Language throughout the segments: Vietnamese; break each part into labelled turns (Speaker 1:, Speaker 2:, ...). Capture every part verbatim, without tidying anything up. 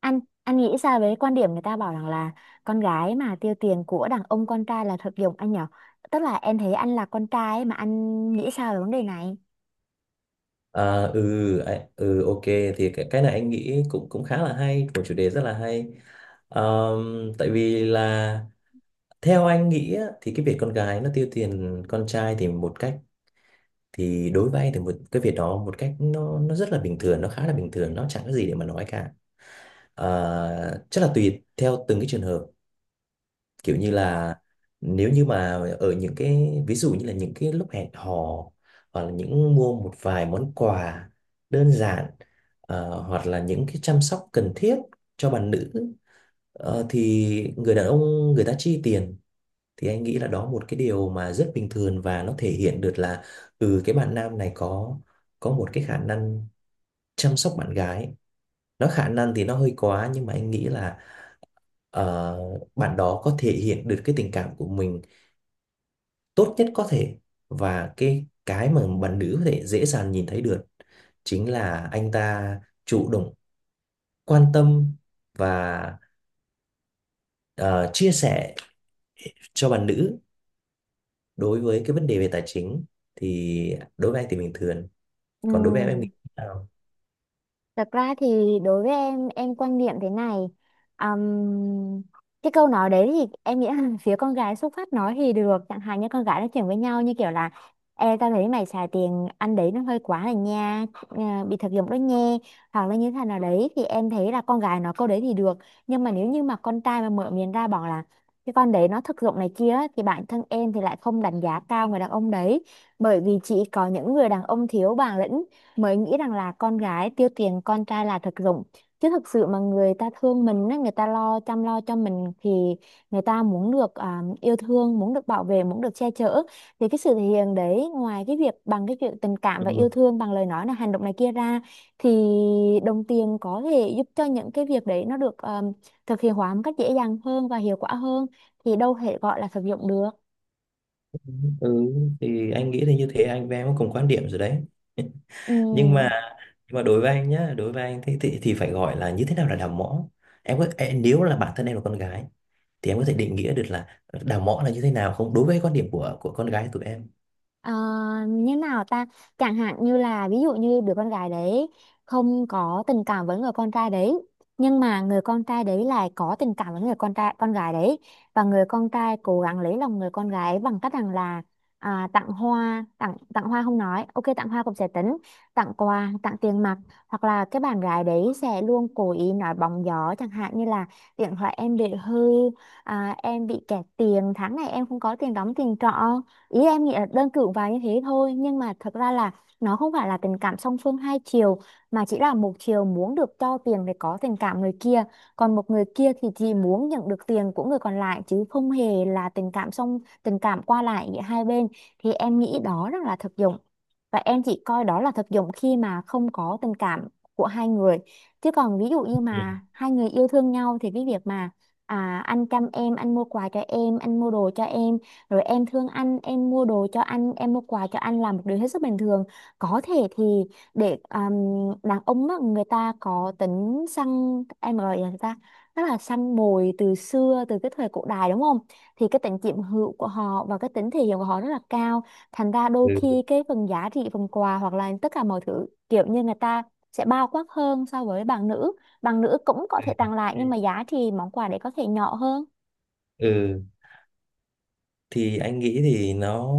Speaker 1: anh anh nghĩ sao với quan điểm người ta bảo rằng là con gái mà tiêu tiền của đàn ông con trai là thực dụng anh nhở? Tức là em thấy anh là con trai ấy, mà anh nghĩ sao về vấn đề này?
Speaker 2: À, ừ, ạ, ừ, ok. Thì cái, cái này anh nghĩ cũng cũng khá là hay, một chủ đề rất là hay. Ờm, tại vì là theo anh nghĩ á, thì cái việc con gái nó tiêu tiền con trai thì một cách, thì đối với anh thì một cái việc đó một cách nó nó rất là bình thường, nó khá là bình thường, nó chẳng có gì để mà nói cả. Ờ, chắc là tùy theo từng cái trường hợp, kiểu như là nếu như mà ở những cái ví dụ như là những cái lúc hẹn hò, hoặc là những mua một vài món quà đơn giản, ờ, hoặc là những cái chăm sóc cần thiết cho bạn nữ, ờ, thì người đàn ông, người ta chi tiền, thì anh nghĩ là đó một cái điều mà rất bình thường, và nó thể hiện được là ừ cái bạn nam này có có một cái khả năng chăm sóc bạn gái. Nó khả năng thì nó hơi quá, nhưng mà anh nghĩ là ờ, bạn đó có thể hiện được cái tình cảm của mình tốt nhất có thể, và cái cái mà bạn nữ có thể dễ dàng nhìn thấy được chính là anh ta chủ động, quan tâm, và ờ, chia sẻ cho bạn nữ. Đối với cái vấn đề về tài chính thì đối với anh thì bình thường. Còn đối với em em nghĩ
Speaker 1: Ừ.
Speaker 2: thế nào?
Speaker 1: Thật ra thì đối với em em quan niệm thế này. Ừm, cái câu nói đấy thì em nghĩ là phía con gái xuất phát nói thì được, chẳng hạn như con gái nói chuyện với nhau như kiểu là: Ê, tao thấy mày xài tiền ăn đấy nó hơi quá rồi nha, à, bị thực dụng đó nha, hoặc là như thế nào đấy, thì em thấy là con gái nói câu đấy thì được. Nhưng mà nếu như mà con trai mà mở miệng ra bảo là cái con đấy nó thực dụng này kia á, thì bản thân em thì lại không đánh giá cao người đàn ông đấy. Bởi vì chỉ có những người đàn ông thiếu bản lĩnh mới nghĩ rằng là con gái tiêu tiền con trai là thực dụng. Chứ thực sự mà người ta thương mình á, người ta lo chăm lo cho mình thì người ta muốn được à, yêu thương, muốn được bảo vệ, muốn được che chở, thì cái sự thể hiện đấy ngoài cái việc bằng cái chuyện tình cảm và yêu
Speaker 2: Ừ.
Speaker 1: thương bằng lời nói là hành động này kia ra, thì đồng tiền có thể giúp cho những cái việc đấy nó được à, thực hiện hóa một cách dễ dàng hơn và hiệu quả hơn, thì đâu thể gọi là thực dụng được.
Speaker 2: Ừ, thì anh nghĩ thì như thế anh với em có cùng quan điểm rồi đấy. Nhưng mà
Speaker 1: Ừ.
Speaker 2: nhưng mà đối với anh nhá, đối với anh thì thì, thì phải gọi là như thế nào là đào mỏ. Em có em- nếu là bản thân em là con gái thì em có thể định nghĩa được là ờ, đào mõ là như thế nào không, đối với quan điểm của của con gái tụi em?
Speaker 1: Ờ, Như nào ta? Chẳng hạn như là, ví dụ như đứa con gái đấy không có tình cảm với người con trai đấy, nhưng mà người con trai đấy lại có tình cảm với người con trai con gái đấy, và người con trai cố gắng lấy lòng người con gái bằng cách rằng là à, tặng hoa, tặng tặng hoa không nói ok tặng hoa cũng sẽ tính, tặng quà, tặng tiền mặt. Hoặc là cái bạn gái đấy sẽ luôn cố ý nói bóng gió chẳng hạn như là điện thoại em bị hư, à, em bị kẹt tiền tháng này, em không có tiền đóng tiền trọ. Ý em nghĩ là đơn cử và như thế thôi, nhưng mà thật ra là nó không phải là tình cảm song phương hai chiều, mà chỉ là một chiều muốn được cho tiền để có tình cảm người kia, còn một người kia thì chỉ muốn nhận được tiền của người còn lại chứ không hề là tình cảm song tình cảm qua lại giữa hai bên, thì em nghĩ đó rất là thực dụng. Và em chỉ coi đó là thực dụng khi mà không có tình cảm của hai người, chứ còn ví dụ như
Speaker 2: Ừ.
Speaker 1: mà hai người yêu thương nhau thì cái việc mà à, anh chăm em, anh mua quà cho em, anh mua đồ cho em, rồi em thương anh, em mua đồ cho anh, em mua quà cho anh là một điều hết sức bình thường. Có thể thì để um, đàn ông á, người ta có tính săn, em gọi là người ta rất là săn mồi từ xưa, từ cái thời cổ đại đúng không, thì cái tính chiếm hữu của họ và cái tính thể hiện của họ rất là cao, thành ra đôi
Speaker 2: Ừ.
Speaker 1: khi cái phần giá trị phần quà hoặc là tất cả mọi thứ kiểu như người ta sẽ bao quát hơn so với bạn nữ. Bạn nữ cũng có thể
Speaker 2: Ừ.
Speaker 1: tặng lại nhưng mà giá trị món quà đấy có thể nhỏ hơn.
Speaker 2: Ừ, thì anh nghĩ thì nó,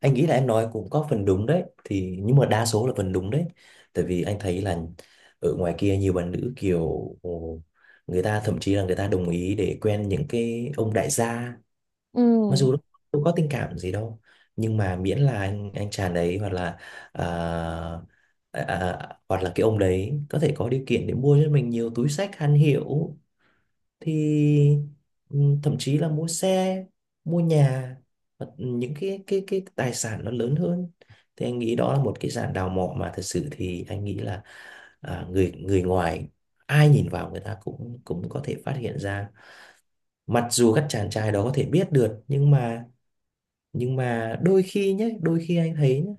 Speaker 2: anh nghĩ là em nói cũng có phần đúng đấy, thì nhưng mà đa số là phần đúng đấy. Tại vì anh thấy là ở ngoài kia nhiều bạn nữ kiểu ồ, người ta thậm chí là người ta đồng ý để quen những cái ông đại gia, mặc
Speaker 1: Ừ.
Speaker 2: dù đâu có tình cảm gì đâu, nhưng mà miễn là anh anh chàng đấy hoặc là à, à, à, hoặc là cái ông đấy có thể có điều kiện để mua cho mình nhiều túi xách hàng hiệu, thì ừ, thậm chí là mua xe, mua nhà, hoặc những cái cái cái tài sản nó lớn hơn. Thì anh nghĩ đó là một cái dạng đào mỏ mà thật sự thì anh nghĩ là à, người người ngoài ai nhìn vào người ta cũng cũng có thể phát hiện ra. Mặc dù các chàng trai đó có thể biết được, nhưng mà nhưng mà đôi khi nhé, đôi khi anh thấy nhé,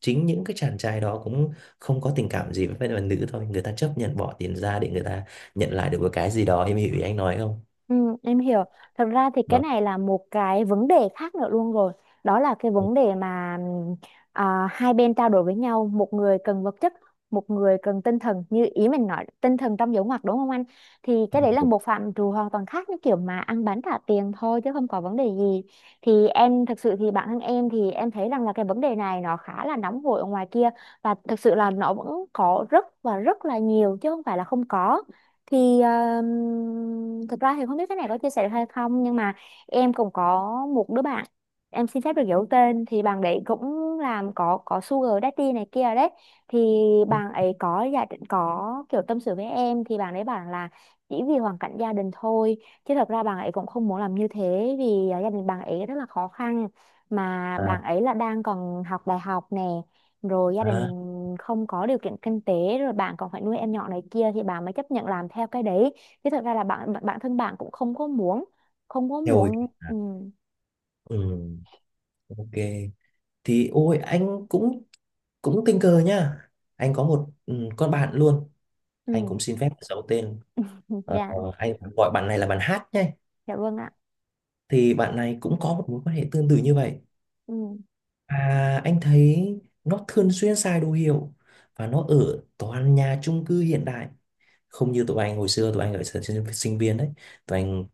Speaker 2: chính những cái chàng trai đó cũng không có tình cảm gì với phái đoàn nữ thôi, người ta chấp nhận bỏ tiền ra để người ta nhận lại được một cái gì đó, em hiểu ý anh nói không?
Speaker 1: Ừ, em hiểu. Thật ra thì cái
Speaker 2: Đó.
Speaker 1: này là một cái vấn đề khác nữa luôn rồi. Đó là cái vấn đề mà ừm, à, hai bên trao đổi với nhau, một người cần vật chất, một người cần tinh thần. Như ý mình nói, tinh thần trong dấu ngoặc đúng không anh? Thì cái đấy là
Speaker 2: Ừ.
Speaker 1: một phạm trù hoàn toàn khác, như kiểu mà ăn bánh trả tiền thôi chứ không có vấn đề gì. Thì em thực sự thì bản thân em thì em thấy rằng là cái vấn đề này nó khá là nóng hổi ở ngoài kia, và thực sự là nó vẫn có rất và rất là nhiều chứ không phải là không có. Thì um, thực ra thì không biết cái này có chia sẻ được hay không, nhưng mà em cũng có một đứa bạn, em xin phép được giấu tên, thì bạn đấy cũng làm có có sugar daddy này kia đấy. Thì bạn ấy có gia đình, có kiểu tâm sự với em, thì bạn ấy bảo là chỉ vì hoàn cảnh gia đình thôi, chứ thật ra bạn ấy cũng không muốn làm như thế, vì à, gia đình bạn ấy rất là khó khăn, mà
Speaker 2: à,
Speaker 1: bạn ấy là đang còn học đại học nè, rồi gia
Speaker 2: à,
Speaker 1: đình không có điều kiện kinh tế, rồi bạn còn phải nuôi em nhỏ này kia, thì bạn mới chấp nhận làm theo cái đấy, chứ thật ra là bạn bạn- bản thân bạn cũng không có muốn, không có
Speaker 2: theo hồi
Speaker 1: muốn. Ừ.
Speaker 2: à, ừ, ok. Thì ôi anh cũng cũng tình cờ nhá, anh có một ừ, con bạn luôn. Anh cũng
Speaker 1: Ừ.
Speaker 2: xin phép giấu tên. Ờ,
Speaker 1: Dạ,
Speaker 2: ờ, anh gọi bạn này là bạn Hát nhé.
Speaker 1: dạ vâng ạ.
Speaker 2: Thì bạn này cũng có một mối quan hệ tương tự như vậy.
Speaker 1: Ừ.
Speaker 2: À, anh thấy nó thường xuyên xài đồ hiệu và nó ở toàn nhà chung cư hiện đại, không như tụi anh hồi xưa. Tụi anh ở thời sinh sinh viên đấy, tụi anh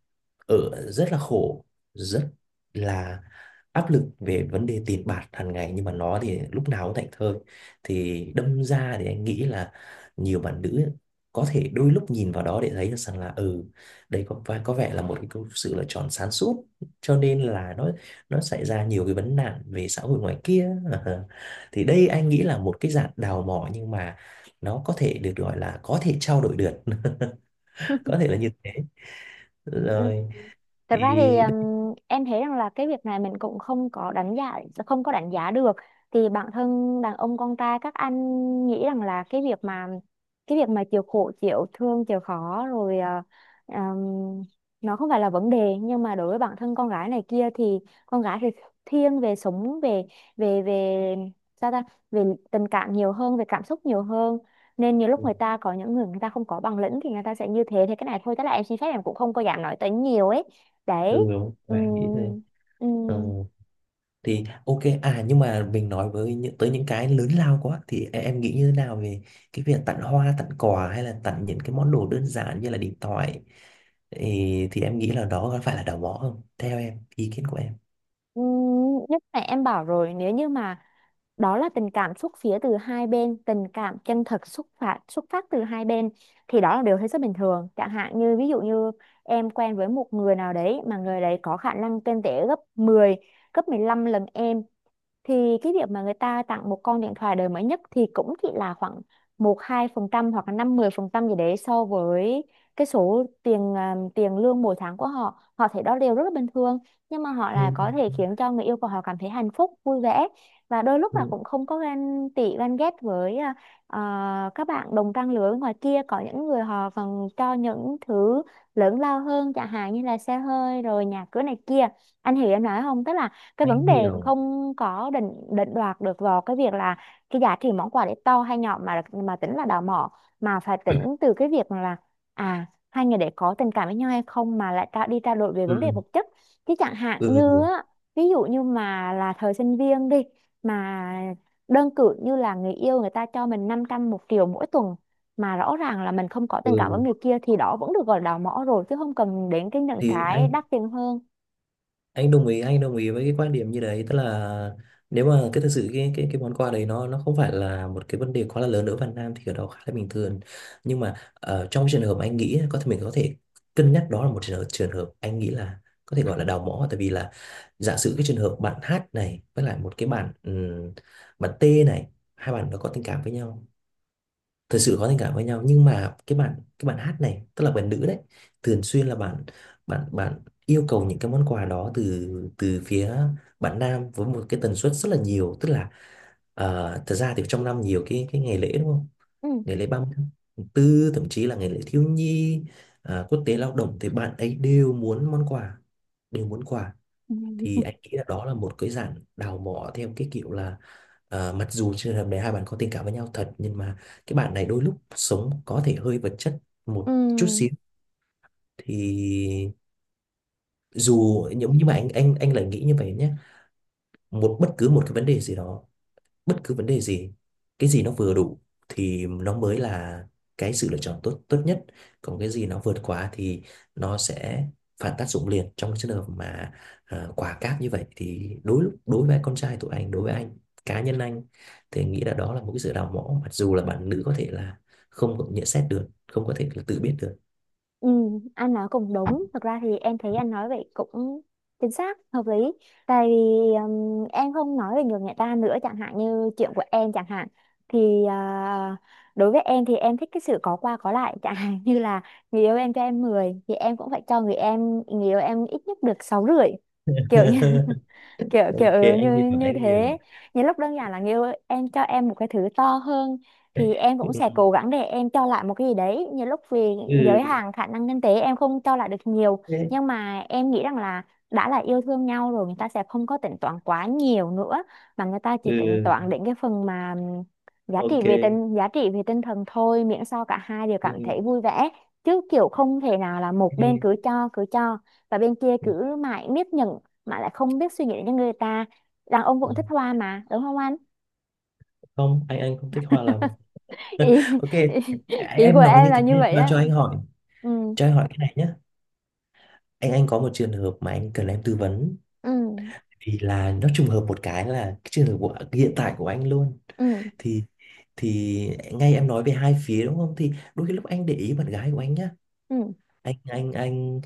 Speaker 2: ở rất là khổ, rất là áp lực về vấn đề tiền bạc hàng ngày, nhưng mà nó thì lúc nào cũng thảnh thơi. Thì đâm ra thì anh nghĩ là nhiều bạn nữ có thể đôi lúc nhìn vào đó để thấy được rằng là ừ đây có vẻ- có vẻ là một cái câu- sự lựa chọn sáng suốt, cho nên là nó nó xảy ra nhiều cái vấn nạn về xã hội ngoài kia. Thì đây anh nghĩ là một cái dạng đào mỏ, nhưng mà nó có thể được gọi là có thể trao đổi được. Có thể là như thế. Rồi.
Speaker 1: Thật ra thì
Speaker 2: Thì
Speaker 1: ừm, em thấy rằng là cái việc này mình cũng không có đánh giá, không có đánh giá được. Thì bản thân đàn ông con trai các anh nghĩ rằng là cái việc mà cái việc mà chịu khổ chịu thương chịu khó rồi, ờ, ừm, nó không phải là vấn đề, nhưng mà đối với bản thân con gái này kia thì con gái thì thiên về sống về về về sao ta, về tình cảm nhiều hơn, về cảm xúc nhiều hơn, nên nhiều lúc
Speaker 2: ừ
Speaker 1: người ta có những người người ta không có bằng lĩnh thì người ta sẽ như thế, thế cái này thôi, tức là em xin phép, em cũng không có dám nói tới nhiều ấy. Đấy.
Speaker 2: đúng và nghĩ thế.
Speaker 1: ừm,
Speaker 2: Ờ,
Speaker 1: ừm,
Speaker 2: thì ok. À, nhưng mà mình nói với những tới những cái lớn lao quá thì em, em nghĩ như thế nào về cái việc tặng hoa, tặng quà, hay là tặng những cái món đồ đơn giản như là điện thoại, thì, thì em nghĩ là đó có phải là đào mỏ không, theo em ý kiến của em?
Speaker 1: ừm, nhưng mà em bảo rồi, nếu như mà đó là tình cảm xuất phía từ hai bên, tình cảm chân thật xuất phát xuất phát từ hai bên, thì đó là điều hết sức bình thường. Chẳng hạn như ví dụ như em quen với một người nào đấy mà người đấy có khả năng kinh tế gấp mười, gấp mười lăm lần em, thì cái việc mà người ta tặng một con điện thoại đời mới nhất thì cũng chỉ là khoảng một hai phần trăm hoặc là năm mười phần trăm gì đấy so với cái số tiền, à, tiền lương mỗi tháng của họ, họ thấy đó đều rất là bình thường. Nhưng mà họ
Speaker 2: Ừ,
Speaker 1: là có thể khiến cho người yêu của họ cảm thấy hạnh phúc, vui vẻ, và đôi lúc là
Speaker 2: ừ,
Speaker 1: cũng không có ganh tị ganh ghét với à, à, các bạn đồng trang lứa bên ngoài kia có những người họ còn cho những thứ lớn lao hơn chẳng hạn như là xe hơi rồi nhà cửa này kia. Anh hiểu em nói không? Tức là cái
Speaker 2: anh
Speaker 1: vấn đề
Speaker 2: hiểu.
Speaker 1: không có định định đoạt được vào cái việc là cái giá trị món quà để to hay nhỏ mà mà tính là đào mỏ, mà phải tính từ cái việc là, à, hai người để có tình cảm với nhau hay không mà lại tra, đi trao đổi về vấn đề
Speaker 2: ừ
Speaker 1: vật chất. Chứ chẳng hạn như
Speaker 2: ừ
Speaker 1: á, ví dụ như mà là thời sinh viên đi, mà đơn cử như là người yêu người ta cho mình năm trăm một triệu mỗi tuần mà rõ ràng là mình không có tình cảm với
Speaker 2: ừ,
Speaker 1: người kia thì đó vẫn được gọi là đào mỏ rồi, chứ không cần đến cái những
Speaker 2: thì
Speaker 1: cái
Speaker 2: anh
Speaker 1: đắt tiền hơn.
Speaker 2: anh đồng ý anh đồng ý với cái quan điểm như đấy, tức là nếu mà cái thực sự cái cái cái món quà đấy nó nó không phải là một cái vấn đề quá là lớn ở Việt Nam thì ở đó khá là bình thường. Nhưng mà ờ, trong trường hợp anh nghĩ có thể mình có thể cân nhắc, đó là một trường hợp, trường hợp anh nghĩ là có thể gọi là đào mỏ, tại vì là giả sử cái trường hợp bạn hát này với lại một cái bạn ừm, bạn T này, hai bạn nó có tình cảm với nhau, thật sự có tình cảm với nhau, nhưng mà cái bạn cái bạn hát này tức là bạn nữ đấy thường xuyên là bạn bạn bạn yêu cầu những cái món quà đó từ từ phía bạn nam với một cái tần suất rất là nhiều, tức là ờ, thật ra thì trong năm nhiều cái cái ngày lễ đúng không?
Speaker 1: Ừ.
Speaker 2: Ngày lễ ba mươi tháng tư, thậm chí là ngày lễ thiếu nhi, à, quốc tế lao động, thì bạn ấy đều muốn món quà, đều muốn quà.
Speaker 1: Ừ.
Speaker 2: Thì anh nghĩ là đó là một cái dạng đào mỏ theo cái kiểu là ờ, mặc dù trường hợp này hai bạn có tình cảm với nhau thật, nhưng mà cái bạn này đôi lúc sống có thể hơi vật chất
Speaker 1: Ừ.
Speaker 2: một chút xíu. Thì
Speaker 1: Ừ,
Speaker 2: dù nhưng nhưng mà anh anh anh lại nghĩ như vậy nhé. Một bất cứ một cái vấn đề gì đó, bất cứ vấn đề gì, cái gì nó vừa đủ thì nó mới là cái sự lựa chọn tốt tốt nhất. Còn cái gì nó vượt quá thì nó sẽ phản tác dụng liền. Trong cái trường hợp mà uh, quả cáp như vậy thì đối đối với con trai tụi anh, đối với anh, cá nhân anh, thì anh nghĩ là đó là một cái sự đào mỏ, mặc dù là bạn nữ có thể là không có nhận xét được, không có thể là tự biết được.
Speaker 1: ừ, anh nói cũng đúng. Thực ra thì em thấy anh nói vậy cũng chính xác, hợp lý. Tại vì ừm, em không nói về người người ta nữa, chẳng hạn như chuyện của em chẳng hạn. Thì à, đối với em thì em thích cái sự có qua có lại. Chẳng hạn như là người yêu em cho em mười thì em cũng phải cho người em người yêu em ít nhất được sáu rưỡi. Kiểu như, kiểu kiểu
Speaker 2: Ok,
Speaker 1: ừ,
Speaker 2: anh
Speaker 1: như
Speaker 2: hiểu
Speaker 1: như
Speaker 2: anh hiểu
Speaker 1: thế. Những lúc đơn giản là người yêu em cho em một cái thứ to hơn thì em cũng
Speaker 2: Ừ,
Speaker 1: sẽ cố gắng để em cho lại một cái gì đấy. Những lúc vì giới
Speaker 2: ừ,
Speaker 1: hạn khả năng kinh tế em không cho lại được nhiều,
Speaker 2: thế,
Speaker 1: nhưng mà em nghĩ rằng là đã là yêu thương nhau rồi người ta sẽ không có tính toán quá nhiều nữa, mà người ta chỉ tính
Speaker 2: ừ,
Speaker 1: toán đến cái phần mà ừm, giá trị
Speaker 2: ok.
Speaker 1: về tinh giá trị về tinh thần thôi, miễn sao cả hai đều cảm
Speaker 2: Ừ.
Speaker 1: thấy vui vẻ. Chứ kiểu không thể nào là một bên cứ cho cứ cho và bên kia cứ mãi miết nhận mà lại không biết suy nghĩ đến cho người ta. Đàn ông
Speaker 2: Ừ.
Speaker 1: cũng thích hoa mà, đúng không anh?
Speaker 2: Không, anh anh không thích hoa lắm.
Speaker 1: ý,
Speaker 2: Ok. À,
Speaker 1: ý,
Speaker 2: à,
Speaker 1: ý của
Speaker 2: em nói
Speaker 1: em
Speaker 2: như
Speaker 1: là như
Speaker 2: thế.
Speaker 1: vậy
Speaker 2: Cho cho
Speaker 1: á.
Speaker 2: anh hỏi,
Speaker 1: Ừ.
Speaker 2: cho anh hỏi cái này nhé. Anh anh có một trường hợp mà anh cần em tư vấn,
Speaker 1: Ừ.
Speaker 2: vì là nó trùng hợp một cái là cái trường hợp của hiện tại của anh luôn.
Speaker 1: Ừ.
Speaker 2: thì thì ngay em nói về hai phía đúng không, thì đôi khi lúc anh để ý bạn gái của anh nhá,
Speaker 1: Ừ.
Speaker 2: anh anh anh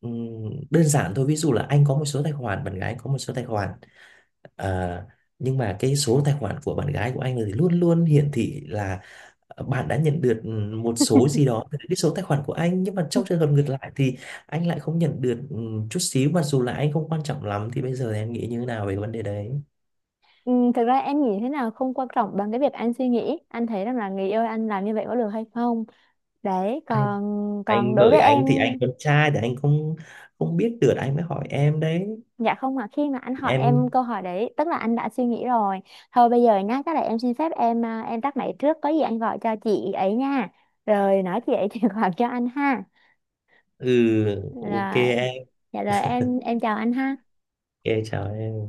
Speaker 2: ừm, đơn giản thôi, ví dụ là anh có một số tài khoản, bạn gái có một số tài khoản. À, nhưng mà cái số tài khoản của bạn gái của anh thì luôn luôn hiển thị là ờ, bạn đã nhận được một số gì đó từ cái số tài khoản của anh, nhưng mà trong trường hợp ngược lại thì anh lại không nhận được ừ, chút xíu, mặc dù là anh không quan trọng lắm. Thì bây giờ thì em nghĩ như thế nào về cái vấn đề đấy?
Speaker 1: Ừ, thực ra em nghĩ thế nào không quan trọng bằng cái việc anh suy nghĩ, anh thấy rằng là người yêu anh làm như vậy có được hay không. Đấy.
Speaker 2: Anh
Speaker 1: Còn còn
Speaker 2: anh
Speaker 1: đối
Speaker 2: Bởi
Speaker 1: với em,
Speaker 2: anh thì anh con trai thì anh không không biết được, anh mới hỏi em đấy.
Speaker 1: dạ không, mà khi mà anh hỏi em
Speaker 2: Em.
Speaker 1: câu hỏi đấy tức là anh đã suy nghĩ rồi. Thôi bây giờ nhá, chắc là em xin phép, em à, em tắt máy trước, có gì anh gọi cho chị ấy nha, rồi nói chị ấy chuyển khoản cho anh ha.
Speaker 2: Ừ. Ok
Speaker 1: Rồi,
Speaker 2: em.
Speaker 1: dạ rồi em em chào anh ha.
Speaker 2: Ok, chào em.